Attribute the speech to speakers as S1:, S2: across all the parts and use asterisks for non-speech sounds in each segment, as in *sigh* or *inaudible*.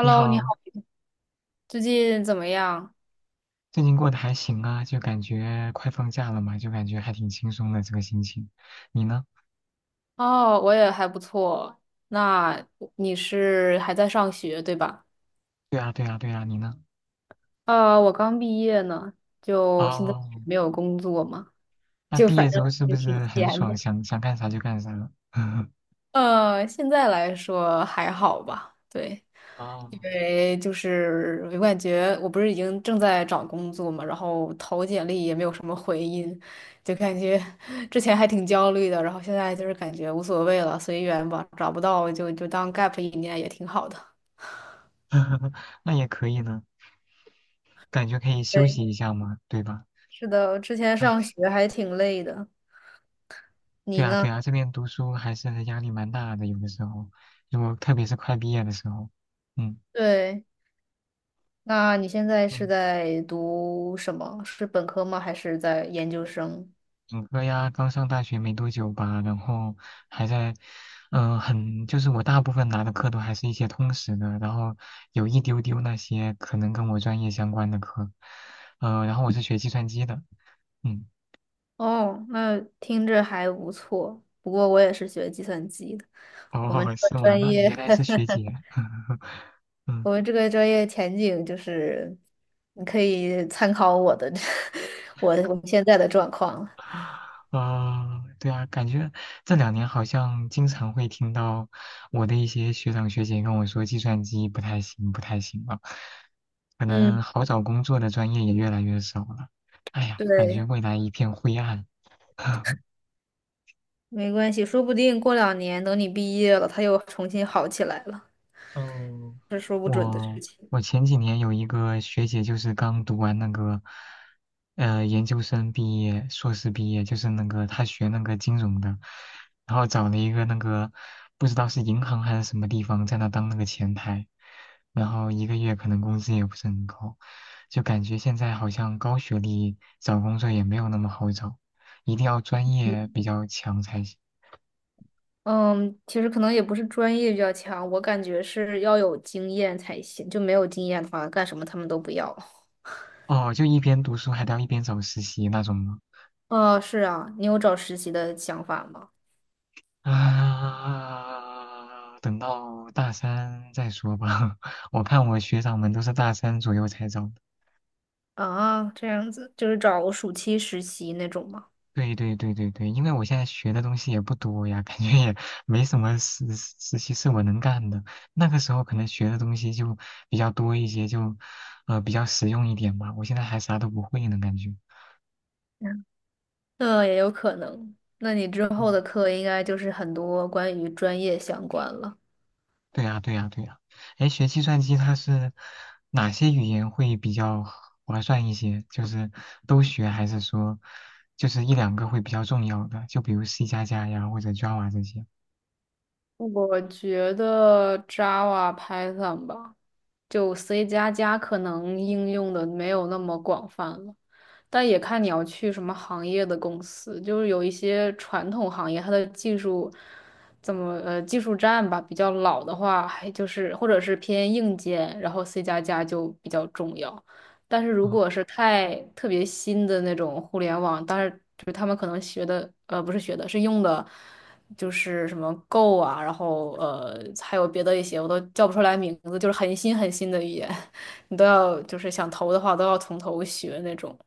S1: 你
S2: 你好，
S1: 好，
S2: 最近怎么样？
S1: 最近过得还行啊，就感觉快放假了嘛，就感觉还挺轻松的这个心情。你呢？
S2: 哦，我也还不错。那你是还在上学，对吧？
S1: 对啊，对啊，对啊，你呢？
S2: 我刚毕业呢，就现在
S1: 哦，
S2: 没有工作嘛，
S1: 那
S2: 就
S1: 毕业
S2: 反
S1: 之
S2: 正
S1: 后是不
S2: 也
S1: 是
S2: 挺
S1: 很
S2: 闲
S1: 爽，
S2: 的。
S1: 想想干啥就干啥了？*laughs*
S2: 现在来说还好吧，对，
S1: 哦，
S2: 因为就是我感觉我不是已经正在找工作嘛，然后投简历也没有什么回音，就感觉 *laughs* 之前还挺焦虑的，然后现在就是感觉无所谓了，随缘吧，找不到就当 gap 一年也挺好的。
S1: *laughs* 那也可以呢，感觉可以休
S2: 对，
S1: 息一下嘛，对吧？
S2: 是的，我之前上
S1: 哎，
S2: 学还挺累的。
S1: 对
S2: 你
S1: 啊，
S2: 呢？
S1: 对啊，这边读书还是压力蛮大的，有的时候，如果特别是快毕业的时候，嗯。
S2: 对，那你现在是
S1: 嗯
S2: 在读什么？是本科吗？还是在研究生？
S1: 本科呀，刚上大学没多久吧，然后还在，就是我大部分拿的课都还是一些通识的，然后有一丢丢那些可能跟我专业相关的课，然后我是学计算机的，嗯，
S2: 哦，那听着还不错。不过我也是学计算机的，
S1: 哦，
S2: 我们
S1: *laughs*
S2: 这
S1: 是
S2: 个
S1: 吗？
S2: 专
S1: 那
S2: 业，
S1: 原来是
S2: *laughs*
S1: 学姐，*laughs* 嗯
S2: 我们这个专业前景就是，你可以参考我的，*laughs* 我们现在的状况了
S1: 啊、对啊，感觉这两年好像经常会听到我的一些学长学姐跟我说，计算机不太行，不太行了，可
S2: 嗯，
S1: 能好找工作的专业也越来越少了。哎呀，感觉
S2: 对，
S1: 未来一片灰暗。*laughs*
S2: 没关系，说不定过2年等你毕业了，它又重新好起来了。
S1: 嗯，我我前几年有一个学姐，就是刚读完那个，研究生毕业、硕士毕业，就是那个她学那个金融的，然后找了一个那个不知道是银行还是什么地方，在那当那个前台，然后一个月可能工资也不是很高，就感觉现在好像高学历找工作也没有那么好找，一定要专业比较强才行。
S2: 嗯，其实可能也不是专业比较强，我感觉是要有经验才行，就没有经验的话，干什么他们都不要。
S1: 哦，就一边读书还得要一边找实习那种吗？
S2: 哦，是啊，你有找实习的想法吗？
S1: 啊，等到大三再说吧。*laughs* 我看我学长们都是大三左右才找的。
S2: 啊，这样子就是找暑期实习那种吗？
S1: 对对对对对，因为我现在学的东西也不多呀，感觉也没什么实习是我能干的。那个时候可能学的东西就比较多一些，就比较实用一点吧。我现在还啥都不会呢，感觉。
S2: 嗯，那也有可能。那你之后
S1: 嗯
S2: 的课应该就是很多关于专业相关了。
S1: 对呀，对呀，对呀。哎，学计算机它是哪些语言会比较划算一些？就是都学，还是说就是一两个会比较重要的？就比如 C 加加呀，或者 Java 这些。
S2: 我觉得 Java、Python 吧，就 C 加加可能应用的没有那么广泛了，但也看你要去什么行业的公司，就是有一些传统行业，它的技术怎么技术栈吧比较老的话，还就是或者是偏硬件，然后 C 加加就比较重要。但是如
S1: 嗯
S2: 果是太特别新的那种互联网，但是就是他们可能学的不是学的，是用的。就是什么 Go 啊，然后还有别的一些我都叫不出来名字，就是很新很新的语言，*laughs* 你都要就是想投的话都要从头学那种。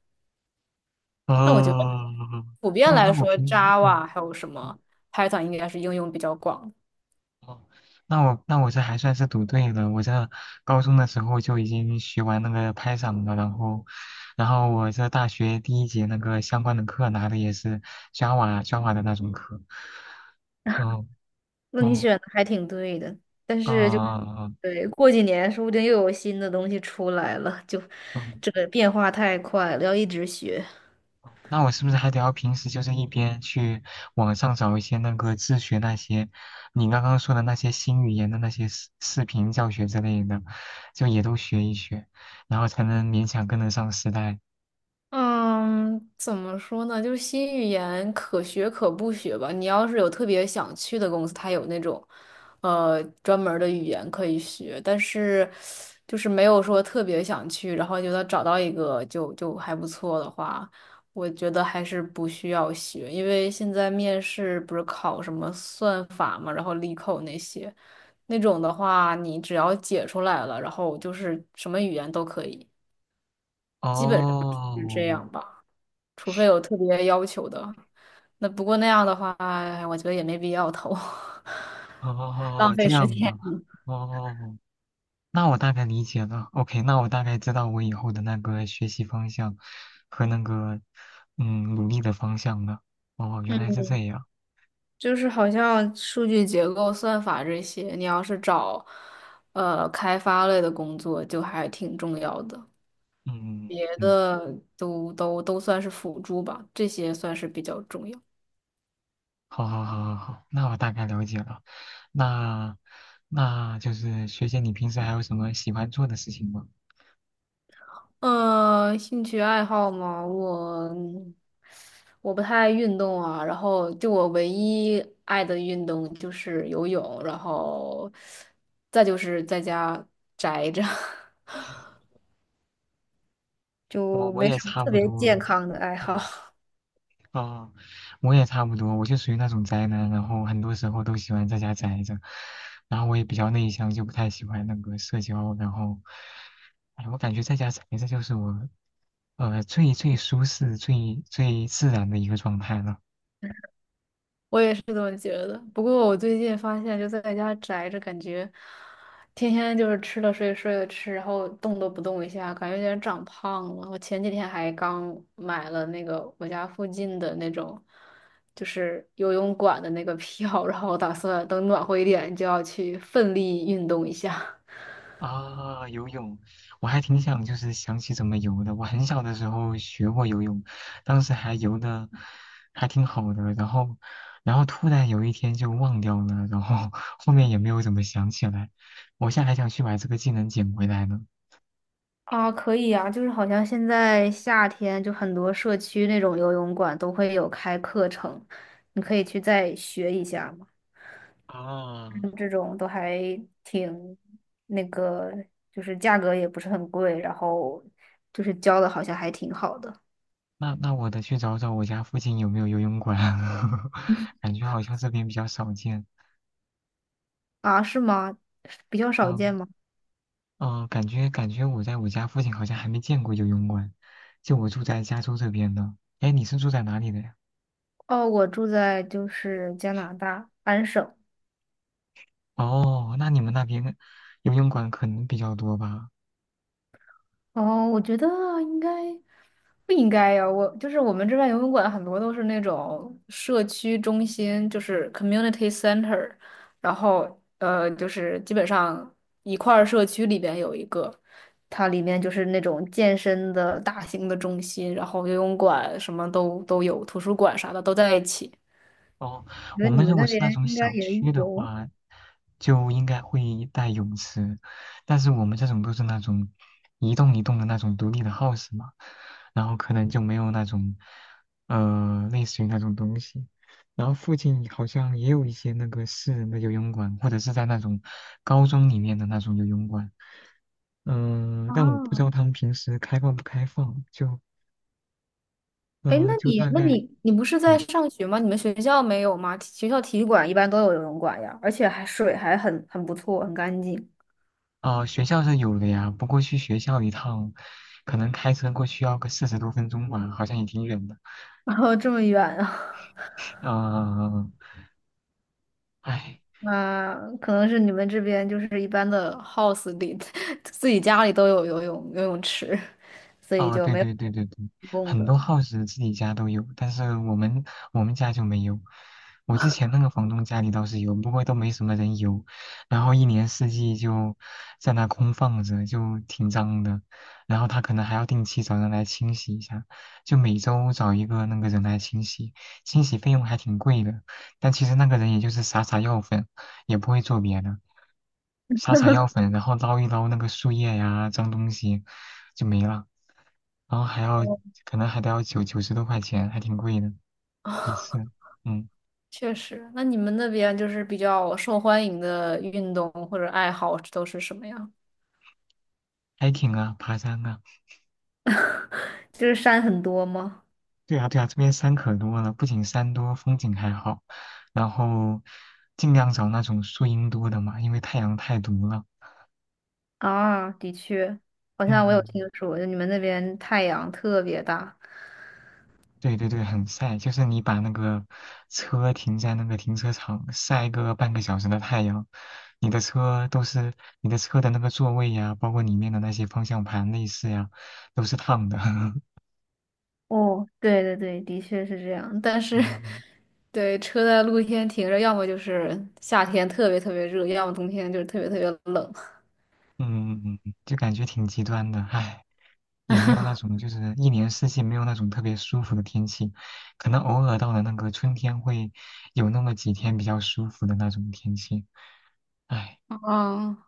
S2: 但我觉得
S1: 哦，
S2: 普遍
S1: 那
S2: 来
S1: 那我
S2: 说
S1: 平时
S2: ，Java 还有什么 Python 应该是应用比较广的。
S1: 哦，那我这还算是读对了。我这高中的时候就已经学完那个 Python 了，然后我这大学第一节那个相关的课拿的也是 Java 的那种课。嗯。
S2: 那你
S1: 哦，
S2: 选的还挺对的，但是就
S1: 啊，
S2: 对，过几年说不定又有新的东西出来了，就
S1: 嗯，
S2: 这个变化太快了，要一直学。
S1: 那我是不是还得要平时就是一边去网上找一些那个自学那些你刚刚说的那些新语言的那些视频教学之类的，就也都学一学，然后才能勉强跟得上时代。
S2: 嗯，怎么说呢？就是新语言可学可不学吧。你要是有特别想去的公司，它有那种，专门儿的语言可以学，但是就是没有说特别想去，然后觉得找到一个就就还不错的话，我觉得还是不需要学，因为现在面试不是考什么算法嘛，然后力扣那些，那种的话，你只要解出来了，然后就是什么语言都可以，基本上是这
S1: 哦，
S2: 样吧。除非有特别要求的。那不过那样的话，我觉得也没必要投，*laughs* 浪
S1: 哦，
S2: 费
S1: 这
S2: 时
S1: 样
S2: 间。
S1: 的，哦，那我大概理解了。OK，那我大概知道我以后的那个学习方向和那个努力的方向了。哦，原来
S2: 嗯，
S1: 是这样。
S2: 就是好像数据结构、算法这些，你要是找开发类的工作，就还挺重要的。
S1: 嗯。
S2: 别
S1: 嗯
S2: 的都算是辅助吧，这些算是比较重要。
S1: 好好好好好，那我大概了解了。那就是学姐，你平时还有什么喜欢做的事情吗？
S2: 兴趣爱好嘛，我不太爱运动啊，然后就我唯一爱的运动就是游泳，然后再就是在家宅着，*laughs*
S1: 我
S2: 就
S1: 我
S2: 没
S1: 也
S2: 什么
S1: 差
S2: 特
S1: 不
S2: 别
S1: 多，
S2: 健康的爱
S1: 嗯
S2: 好。
S1: 哦，我也差不多，我就属于那种宅男，然后很多时候都喜欢在家宅着，然后我也比较内向，就不太喜欢那个社交，然后，哎，我感觉在家宅着就是我，最最舒适、最最自然的一个状态了。
S2: 我也是这么觉得。不过我最近发现，就在家宅着，感觉天天就是吃了睡，睡了吃，然后动都不动一下，感觉有点长胖了。我前几天还刚买了那个我家附近的那种，就是游泳馆的那个票，然后我打算等暖和一点就要去奋力运动一下。
S1: 啊，游泳，我还挺想就是想起怎么游的。我很小的时候学过游泳，当时还游的还挺好的，然后突然有一天就忘掉了，然后后面也没有怎么想起来。我现在还想去把这个技能捡回来呢。
S2: 啊，可以啊，就是好像现在夏天就很多社区那种游泳馆都会有开课程，你可以去再学一下。
S1: 啊，
S2: 这种都还挺那个，就是价格也不是很贵，然后就是教的好像还挺好的
S1: 那我得去找找我家附近有没有游泳馆，*laughs* 感觉好像这边比较少见。
S2: 啊，是吗？比较少
S1: 嗯。
S2: 见吗？
S1: 哦，感觉我在我家附近好像还没见过游泳馆，就我住在加州这边的。哎，你是住在哪里的呀？
S2: 哦，我住在就是加拿大安省，
S1: 哦，那你们那边游泳馆可能比较多吧？
S2: 哦，我觉得应该不应该呀？我就是我们这边游泳馆很多都是那种社区中心，就是 community center，然后就是基本上一块儿社区里边有一个，它里面就是那种健身的大型的中心，然后游泳馆什么都有，图书馆啥的都在一起。
S1: 哦，
S2: 我觉得
S1: 我
S2: 你
S1: 们
S2: 们
S1: 如
S2: 那
S1: 果是那
S2: 边
S1: 种
S2: 应该
S1: 小
S2: 也
S1: 区的
S2: 有
S1: 话，就应该会带泳池，但是我们这种都是那种一栋一栋的那种独立的 house 嘛，然后可能就没有那种类似于那种东西。然后附近好像也有一些那个私人的游泳馆，或者是在那种高中里面的那种游泳馆，但我不知
S2: 啊。
S1: 道他们平时开放不开放，就
S2: 哎，那
S1: 就
S2: 你，
S1: 大
S2: 那
S1: 概。
S2: 你，你不是在
S1: 嗯。
S2: 上学吗？你们学校没有吗？学校体育馆一般都有游泳馆呀，而且还水还很不错，很干净。
S1: 哦，学校是有的呀，不过去学校一趟，可能开车过去要个40多分钟吧，好像也挺远的。
S2: 然后这么远啊，
S1: 嗯、呃，唉，
S2: *laughs* 那可能是你们这边就是一般的 house 里 *laughs*，自己家里都有游泳池，所以
S1: 啊，
S2: 就
S1: 对
S2: 没有
S1: 对对对对，
S2: 公共
S1: 很多
S2: 的。
S1: house 自己家都有，但是我们家就没有。我之前那个房东家里倒是有，不过都没什么人有，然后一年四季就在那空放着，就挺脏的。然后他可能还要定期找人来清洗一下，就每周找一个那个人来清洗，清洗费用还挺贵的，但其实那个人也就是撒撒药粉，也不会做别的。撒撒药粉，然后捞一捞那个树叶呀、脏东西，就没了。然后还要，可能还得要九十多块钱，还挺贵的一次。
S2: *laughs*
S1: 嗯
S2: 确实，那你们那边就是比较受欢迎的运动或者爱好都是什么呀？
S1: ，hiking 啊，爬山啊，
S2: *laughs* 就是山很多吗？
S1: 对啊对啊，这边山可多了，不仅山多，风景还好。然后尽量找那种树荫多的嘛，因为太阳太毒了。
S2: 啊，的确，好
S1: 嗯
S2: 像
S1: 嗯。
S2: 我有听说，就你们那边太阳特别大。
S1: 对对对，很晒，就是你把那个车停在那个停车场晒个半个小时的太阳，你的车都是你的车的那个座位呀，包括里面的那些方向盘、内饰呀，都是烫的。*laughs*
S2: 哦，对对对，的确是这样。但是，
S1: 嗯，
S2: *laughs* 对，车在露天停着，要么就是夏天特别特别热，要么冬天就是特别特别冷。
S1: 嗯，就感觉挺极端的，唉，也没有那
S2: *laughs*
S1: 种就是一年四季没有那种特别舒服的天气，可能偶尔到了那个春天会有那么几天比较舒服的那种天气，唉。
S2: 啊，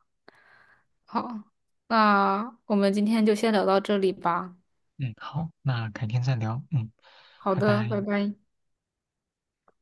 S2: 好，那我们今天就先聊到这里吧。
S1: 嗯，好，那改天再聊。嗯，
S2: 好
S1: 拜
S2: 的，
S1: 拜。
S2: 拜拜。